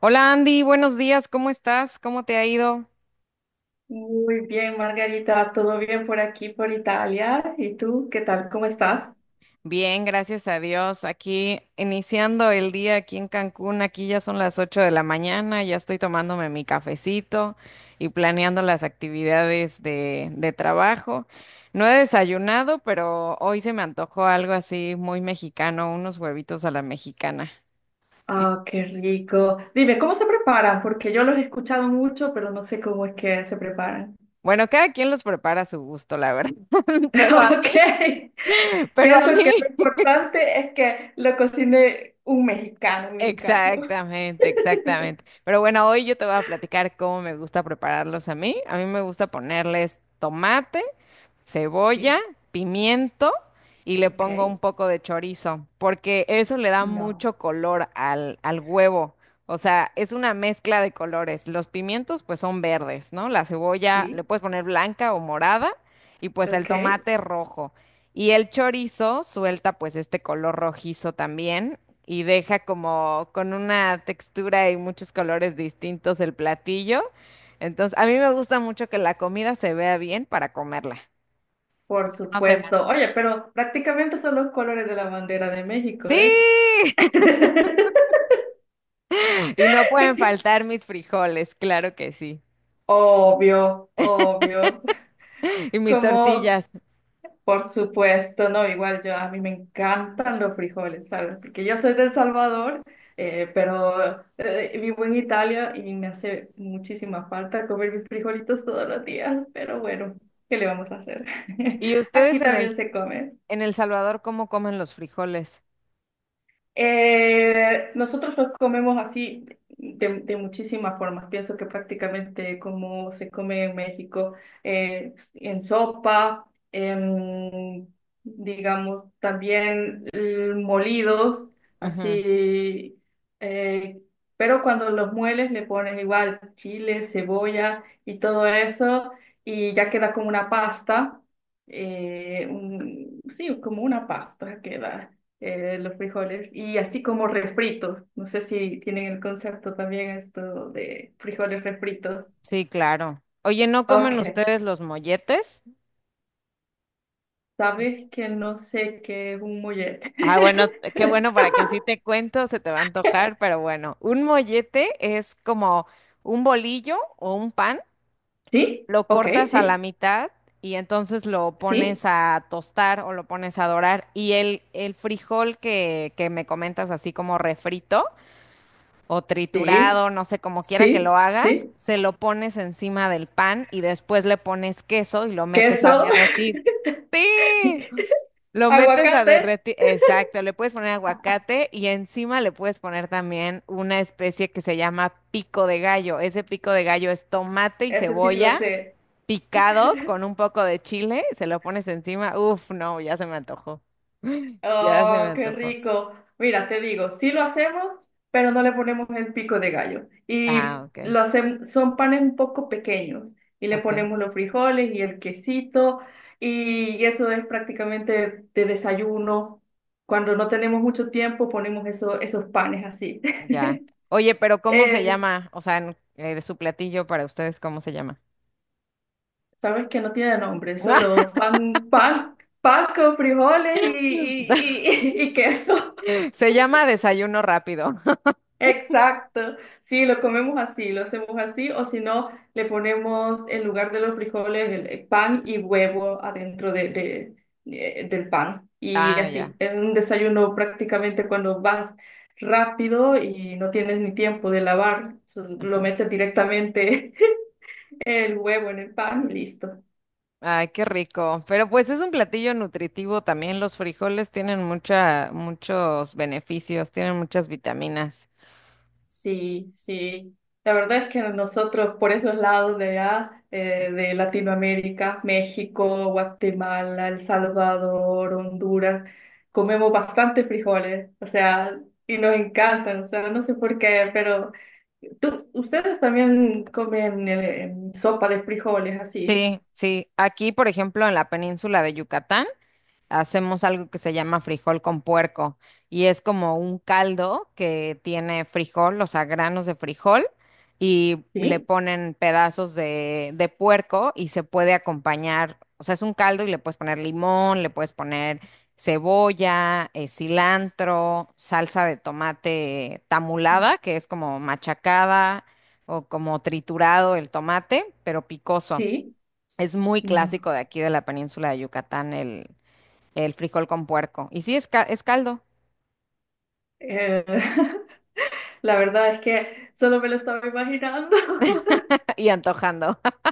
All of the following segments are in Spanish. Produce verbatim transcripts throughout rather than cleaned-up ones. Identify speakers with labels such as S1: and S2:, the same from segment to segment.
S1: Hola Andy, buenos días, ¿cómo estás? ¿Cómo te ha ido?
S2: Muy bien, Margarita, todo bien por aquí, por Italia. ¿Y tú, qué tal? ¿Cómo estás?
S1: Bien, gracias a Dios. Aquí iniciando el día aquí en Cancún, aquí ya son las ocho de la mañana, ya estoy tomándome mi cafecito y planeando las actividades de, de trabajo. No he desayunado, pero hoy se me antojó algo así muy mexicano, unos huevitos a la mexicana. Y
S2: Ah, qué rico. Dime, ¿cómo se preparan? Porque yo los he escuchado mucho, pero no sé cómo es que se preparan.
S1: bueno, cada quien los prepara a su gusto, la verdad, pero a mí,
S2: Ok,
S1: pero a
S2: pienso que lo
S1: mí.
S2: importante es que lo cocine un mexicano, un mexicano.
S1: Exactamente, exactamente. Pero bueno, hoy yo te voy a platicar cómo me gusta prepararlos a mí. A mí me gusta ponerles tomate, cebolla,
S2: Sí,
S1: pimiento y le
S2: ok,
S1: pongo un poco de chorizo, porque eso le da
S2: no,
S1: mucho color al, al huevo. O sea, es una mezcla de colores. Los pimientos pues son verdes, ¿no? La cebolla le
S2: sí,
S1: puedes poner blanca o morada y pues el
S2: ok,
S1: tomate rojo. Y el chorizo suelta pues este color rojizo también y deja como con una textura y muchos colores distintos el platillo. Entonces, a mí me gusta mucho que la comida se vea bien para comerla. Si
S2: por
S1: no, no se me
S2: supuesto.
S1: antoja.
S2: Oye, pero prácticamente son los colores de la bandera de México,
S1: ¡Sí!
S2: ¿eh?
S1: Y no pueden faltar mis frijoles, claro que sí.
S2: Obvio, obvio.
S1: Y mis
S2: Como,
S1: tortillas.
S2: por supuesto, no, igual yo, a mí me encantan los frijoles, ¿sabes? Porque yo soy del Salvador, eh, pero eh, eh, vivo en Italia y me hace muchísima falta comer mis frijolitos todos los días, pero bueno, ¿qué le vamos a hacer?
S1: ¿Y ustedes
S2: Aquí
S1: en el
S2: también se come.
S1: en El Salvador cómo comen los frijoles?
S2: Eh, nosotros los comemos así de, de muchísimas formas. Pienso que prácticamente como se come en México, eh, en sopa, en, digamos, también eh, molidos,
S1: Ujú.
S2: así. eh, pero cuando los mueles le pones igual chile, cebolla y todo eso, y ya queda como una pasta. Eh, un- sí, como una pasta queda eh, los frijoles, y así como refritos. No sé si tienen el concepto también esto de frijoles refritos.
S1: Sí, claro. Oye, ¿no comen
S2: Ok,
S1: ustedes los molletes?
S2: sabes que no sé qué es un mollete.
S1: Ah, bueno, qué bueno, para que así te cuento, se te va a antojar, pero bueno, un mollete es como un bolillo o un pan,
S2: ¿Sí?
S1: lo
S2: Ok,
S1: cortas a la
S2: sí,
S1: mitad y entonces lo pones
S2: sí,
S1: a tostar o lo pones a dorar y el, el frijol que, que me comentas así como refrito o
S2: sí,
S1: triturado, no sé, como quiera que
S2: sí,
S1: lo hagas,
S2: sí.
S1: se lo pones encima del pan y después le pones queso y lo metes a
S2: Queso.
S1: derretir. ¡Sí! Lo metes a
S2: Aguacate,
S1: derretir, exacto, le puedes poner aguacate y encima le puedes poner también una especie que se llama pico de gallo. Ese pico de gallo es tomate y
S2: eso sí lo
S1: cebolla
S2: sé.
S1: picados con un poco de chile, se lo pones encima. Uf, no, ya se me antojó. Ya se me
S2: Oh, qué
S1: antojó.
S2: rico. Mira, te digo, sí lo hacemos, pero no le ponemos el pico de gallo.
S1: Ah,
S2: Y
S1: ok.
S2: lo hacemos, son panes un poco pequeños y le
S1: Ok,
S2: ponemos los frijoles y el quesito y eso es prácticamente de desayuno. Cuando no tenemos mucho tiempo, ponemos eso, esos panes así.
S1: ya. Oye, pero ¿cómo se
S2: Eh,
S1: llama? O sea, en- eh, su platillo para ustedes, ¿cómo se llama?
S2: sabes que no tiene nombre, solo pan, pan, pan con frijoles y, y, y y- y queso.
S1: Se llama desayuno rápido.
S2: Exacto, sí, lo comemos así, lo hacemos así, o si no, le ponemos en lugar de los frijoles el, el pan y huevo adentro de, de- eh, del pan. Y
S1: Ah, ya.
S2: así, es un desayuno prácticamente cuando vas rápido y no tienes ni tiempo de lavar, so- lo metes directamente el huevo en el pan y listo.
S1: Ay, qué rico. Pero pues es un platillo nutritivo también. Los frijoles tienen mucha, muchos beneficios, tienen muchas vitaminas.
S2: Sí, sí. La verdad es que nosotros por esos lados de allá, eh, de Latinoamérica, México, Guatemala, El Salvador, Honduras, comemos bastante frijoles, o sea, y nos encantan, o sea, no sé por qué, pero tú, ustedes también comen eh, sopa de frijoles así,
S1: Sí, sí. Aquí, por ejemplo, en la península de Yucatán, hacemos algo que se llama frijol con puerco y es como un caldo que tiene frijol, o sea, granos de frijol y le
S2: ¿sí?
S1: ponen pedazos de, de puerco y se puede acompañar, o sea, es un caldo y le puedes poner limón, le puedes poner cebolla, eh, cilantro, salsa de tomate tamulada, que es como machacada o como triturado el tomate, pero picoso.
S2: Sí,
S1: Es muy
S2: no.
S1: clásico de aquí de la península de Yucatán el frijol con puerco. Y sí, es, ca- es caldo.
S2: Eh, la verdad es que solo me lo estaba imaginando.
S1: Y antojando.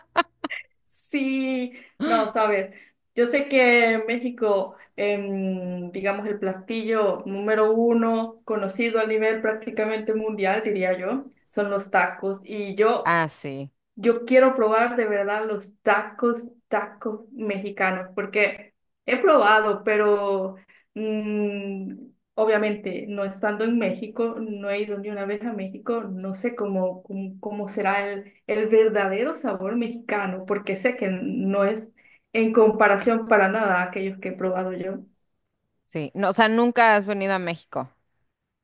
S2: Sí, no, sabes, yo sé que en México, em, digamos, el platillo número uno conocido a nivel prácticamente mundial, diría yo, son los tacos. Y yo
S1: Ah, sí,
S2: yo quiero probar de verdad los tacos, tacos mexicanos, porque he probado, pero mm, obviamente no estando en México, no he ido ni una vez a México, no sé cómo, cómo, cómo será el, el verdadero sabor mexicano, porque sé que no es en comparación para nada a aquellos que he probado yo.
S1: sí. No, o sea, nunca has venido a México.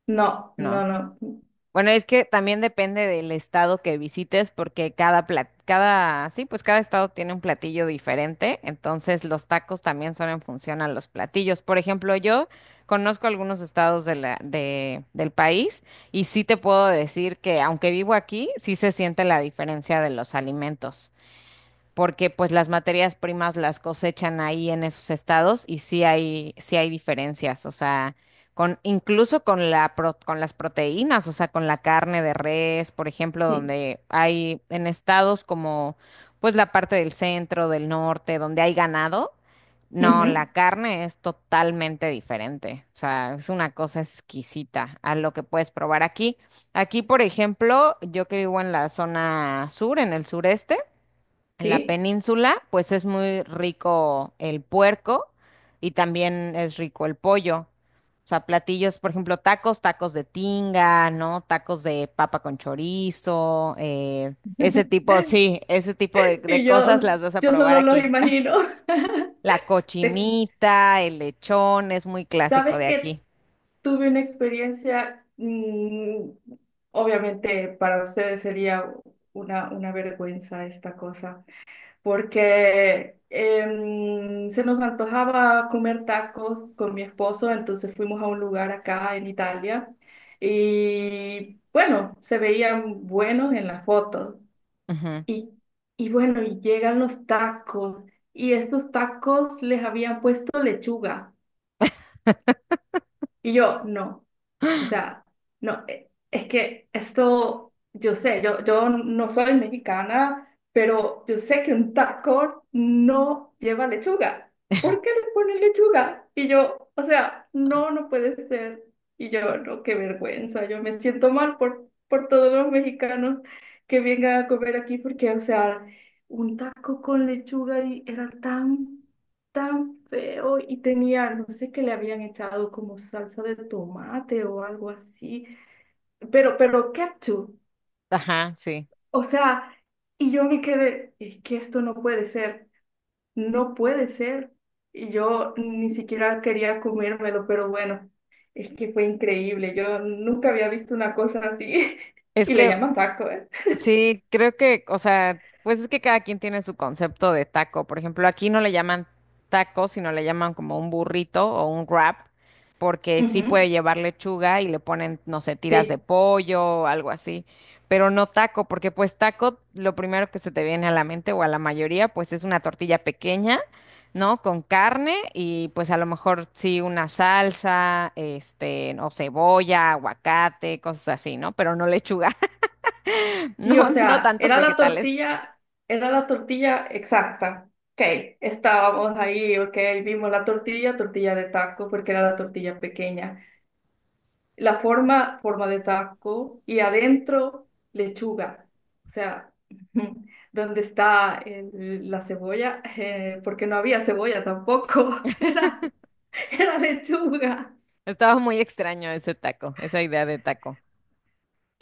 S2: No,
S1: No.
S2: no, no.
S1: Bueno, es que también depende del estado que visites, porque cada plat- cada, sí, pues cada estado tiene un platillo diferente. Entonces, los tacos también son en función a los platillos. Por ejemplo, yo conozco algunos estados de la, de, del país y sí te puedo decir que, aunque vivo aquí, sí se siente la diferencia de los alimentos, porque pues las materias primas las cosechan ahí en esos estados y sí hay, sí hay diferencias, o sea, con, incluso con la pro- con las proteínas, o sea, con la carne de res, por ejemplo,
S2: Sí.
S1: donde hay en estados como pues la parte del centro, del norte, donde hay ganado, no, la
S2: Ujú.
S1: carne es totalmente diferente, o sea, es una cosa exquisita a lo que puedes probar aquí. Aquí, por ejemplo, yo que vivo en la zona sur, en el sureste, en la
S2: Sí.
S1: península, pues es muy rico el puerco y también es rico el pollo. O sea, platillos, por ejemplo, tacos, tacos de tinga, ¿no? Tacos de papa con chorizo, eh, ese tipo, sí, ese tipo de, de
S2: Y
S1: cosas
S2: yo,
S1: las vas a
S2: yo
S1: probar
S2: solo los
S1: aquí.
S2: imagino.
S1: La
S2: Te-
S1: cochinita, el lechón, es muy clásico
S2: ¿Sabes
S1: de
S2: qué?
S1: aquí.
S2: Tuve una experiencia, mm, obviamente para ustedes sería una, una vergüenza esta cosa, porque em, se nos antojaba comer tacos con mi esposo, entonces fuimos a un lugar acá en Italia y bueno, se veían buenos en las fotos.
S1: Ujú.
S2: Y, y bueno, y llegan los tacos y estos tacos les habían puesto lechuga y yo no. O sea, no, eh, es que esto, yo sé, yo, yo no soy mexicana, pero yo sé que un taco no lleva lechuga. ¿Por qué le ponen lechuga? Y yo, o sea, no, no puede ser. Y yo, no, qué vergüenza, yo me siento mal por, por todos los mexicanos que vengan a comer aquí, porque, o sea, un taco con lechuga y era tan tan feo y tenía, no sé qué le habían echado como salsa de tomate o algo así, pero, pero ketchup,
S1: Ajá, sí.
S2: o sea, y yo me quedé, es que esto no puede ser, no puede ser, y yo ni siquiera quería comérmelo, pero bueno, es que fue increíble, yo nunca había visto una cosa así,
S1: Es
S2: y le
S1: que
S2: llaman taco, ¿eh?
S1: sí, creo que, o sea, pues es que cada quien tiene su concepto de taco. Por ejemplo, aquí no le llaman taco, sino le llaman como un burrito o un wrap, porque sí
S2: Ujú.
S1: puede llevar lechuga y le ponen, no sé, tiras de
S2: Sí.
S1: pollo o algo así, pero no taco, porque pues taco, lo primero que se te viene a la mente o a la mayoría, pues es una tortilla pequeña, ¿no? Con carne y pues a lo mejor sí una salsa, este, o cebolla, aguacate, cosas así, ¿no? Pero no lechuga.
S2: Sí,
S1: No,
S2: o
S1: no
S2: sea,
S1: tantos
S2: era la
S1: vegetales.
S2: tortilla, era la tortilla exacta. Ok, estábamos ahí, ok, vimos la tortilla, tortilla de taco, porque era la tortilla pequeña. La forma, forma de taco, y adentro, lechuga. O sea, ¿donde está el- la cebolla? Eh, porque no había cebolla tampoco, era, era lechuga.
S1: Estaba muy extraño ese taco, esa idea de taco.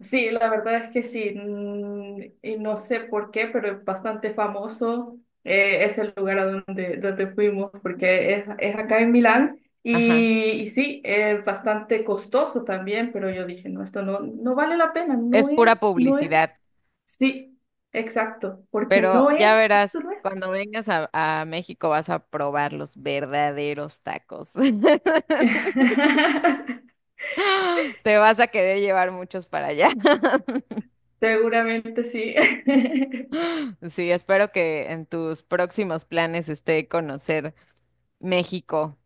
S2: Sí, la verdad es que sí, mm, y no sé por qué, pero es bastante famoso eh, es el lugar a donde, donde fuimos, porque es, es acá en Milán,
S1: Ajá.
S2: y, y sí, es bastante costoso también, pero yo dije, no, esto no, no vale la pena, no
S1: Es
S2: es,
S1: pura
S2: no es,
S1: publicidad,
S2: sí, exacto, porque no
S1: pero ya
S2: es, esto
S1: verás,
S2: no es.
S1: cuando vengas a, a México vas a probar los verdaderos tacos. Te vas a querer llevar muchos para allá.
S2: Seguramente sí.
S1: Sí, espero que en tus próximos planes esté conocer México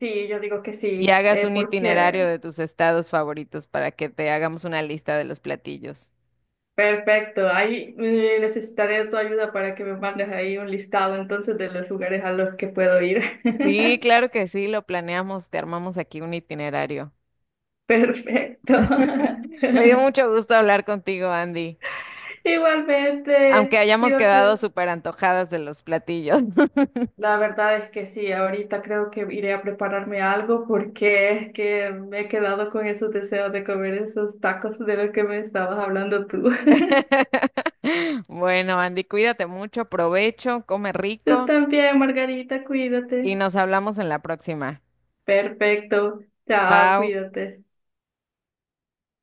S2: Sí, yo digo que
S1: y
S2: sí,
S1: hagas
S2: eh,
S1: un itinerario
S2: porque
S1: de tus estados favoritos para que te hagamos una lista de los platillos.
S2: Perfecto, ahí eh, necesitaré tu ayuda para que me mandes ahí un listado entonces de los lugares a los que puedo ir.
S1: Sí, claro que sí, lo planeamos, te armamos aquí un itinerario.
S2: Perfecto.
S1: Me dio mucho gusto hablar contigo, Andy, aunque
S2: Igualmente,
S1: hayamos quedado
S2: cuídate.
S1: súper antojadas de los platillos.
S2: La verdad es que sí, ahorita creo que iré a prepararme algo porque es que me he quedado con esos deseos de comer esos tacos de los que me estabas hablando tú.
S1: Bueno, Andy, cuídate mucho, provecho, come
S2: Tú
S1: rico
S2: también, Margarita,
S1: y
S2: cuídate.
S1: nos hablamos en la próxima.
S2: Perfecto. Chao,
S1: Pau.
S2: cuídate.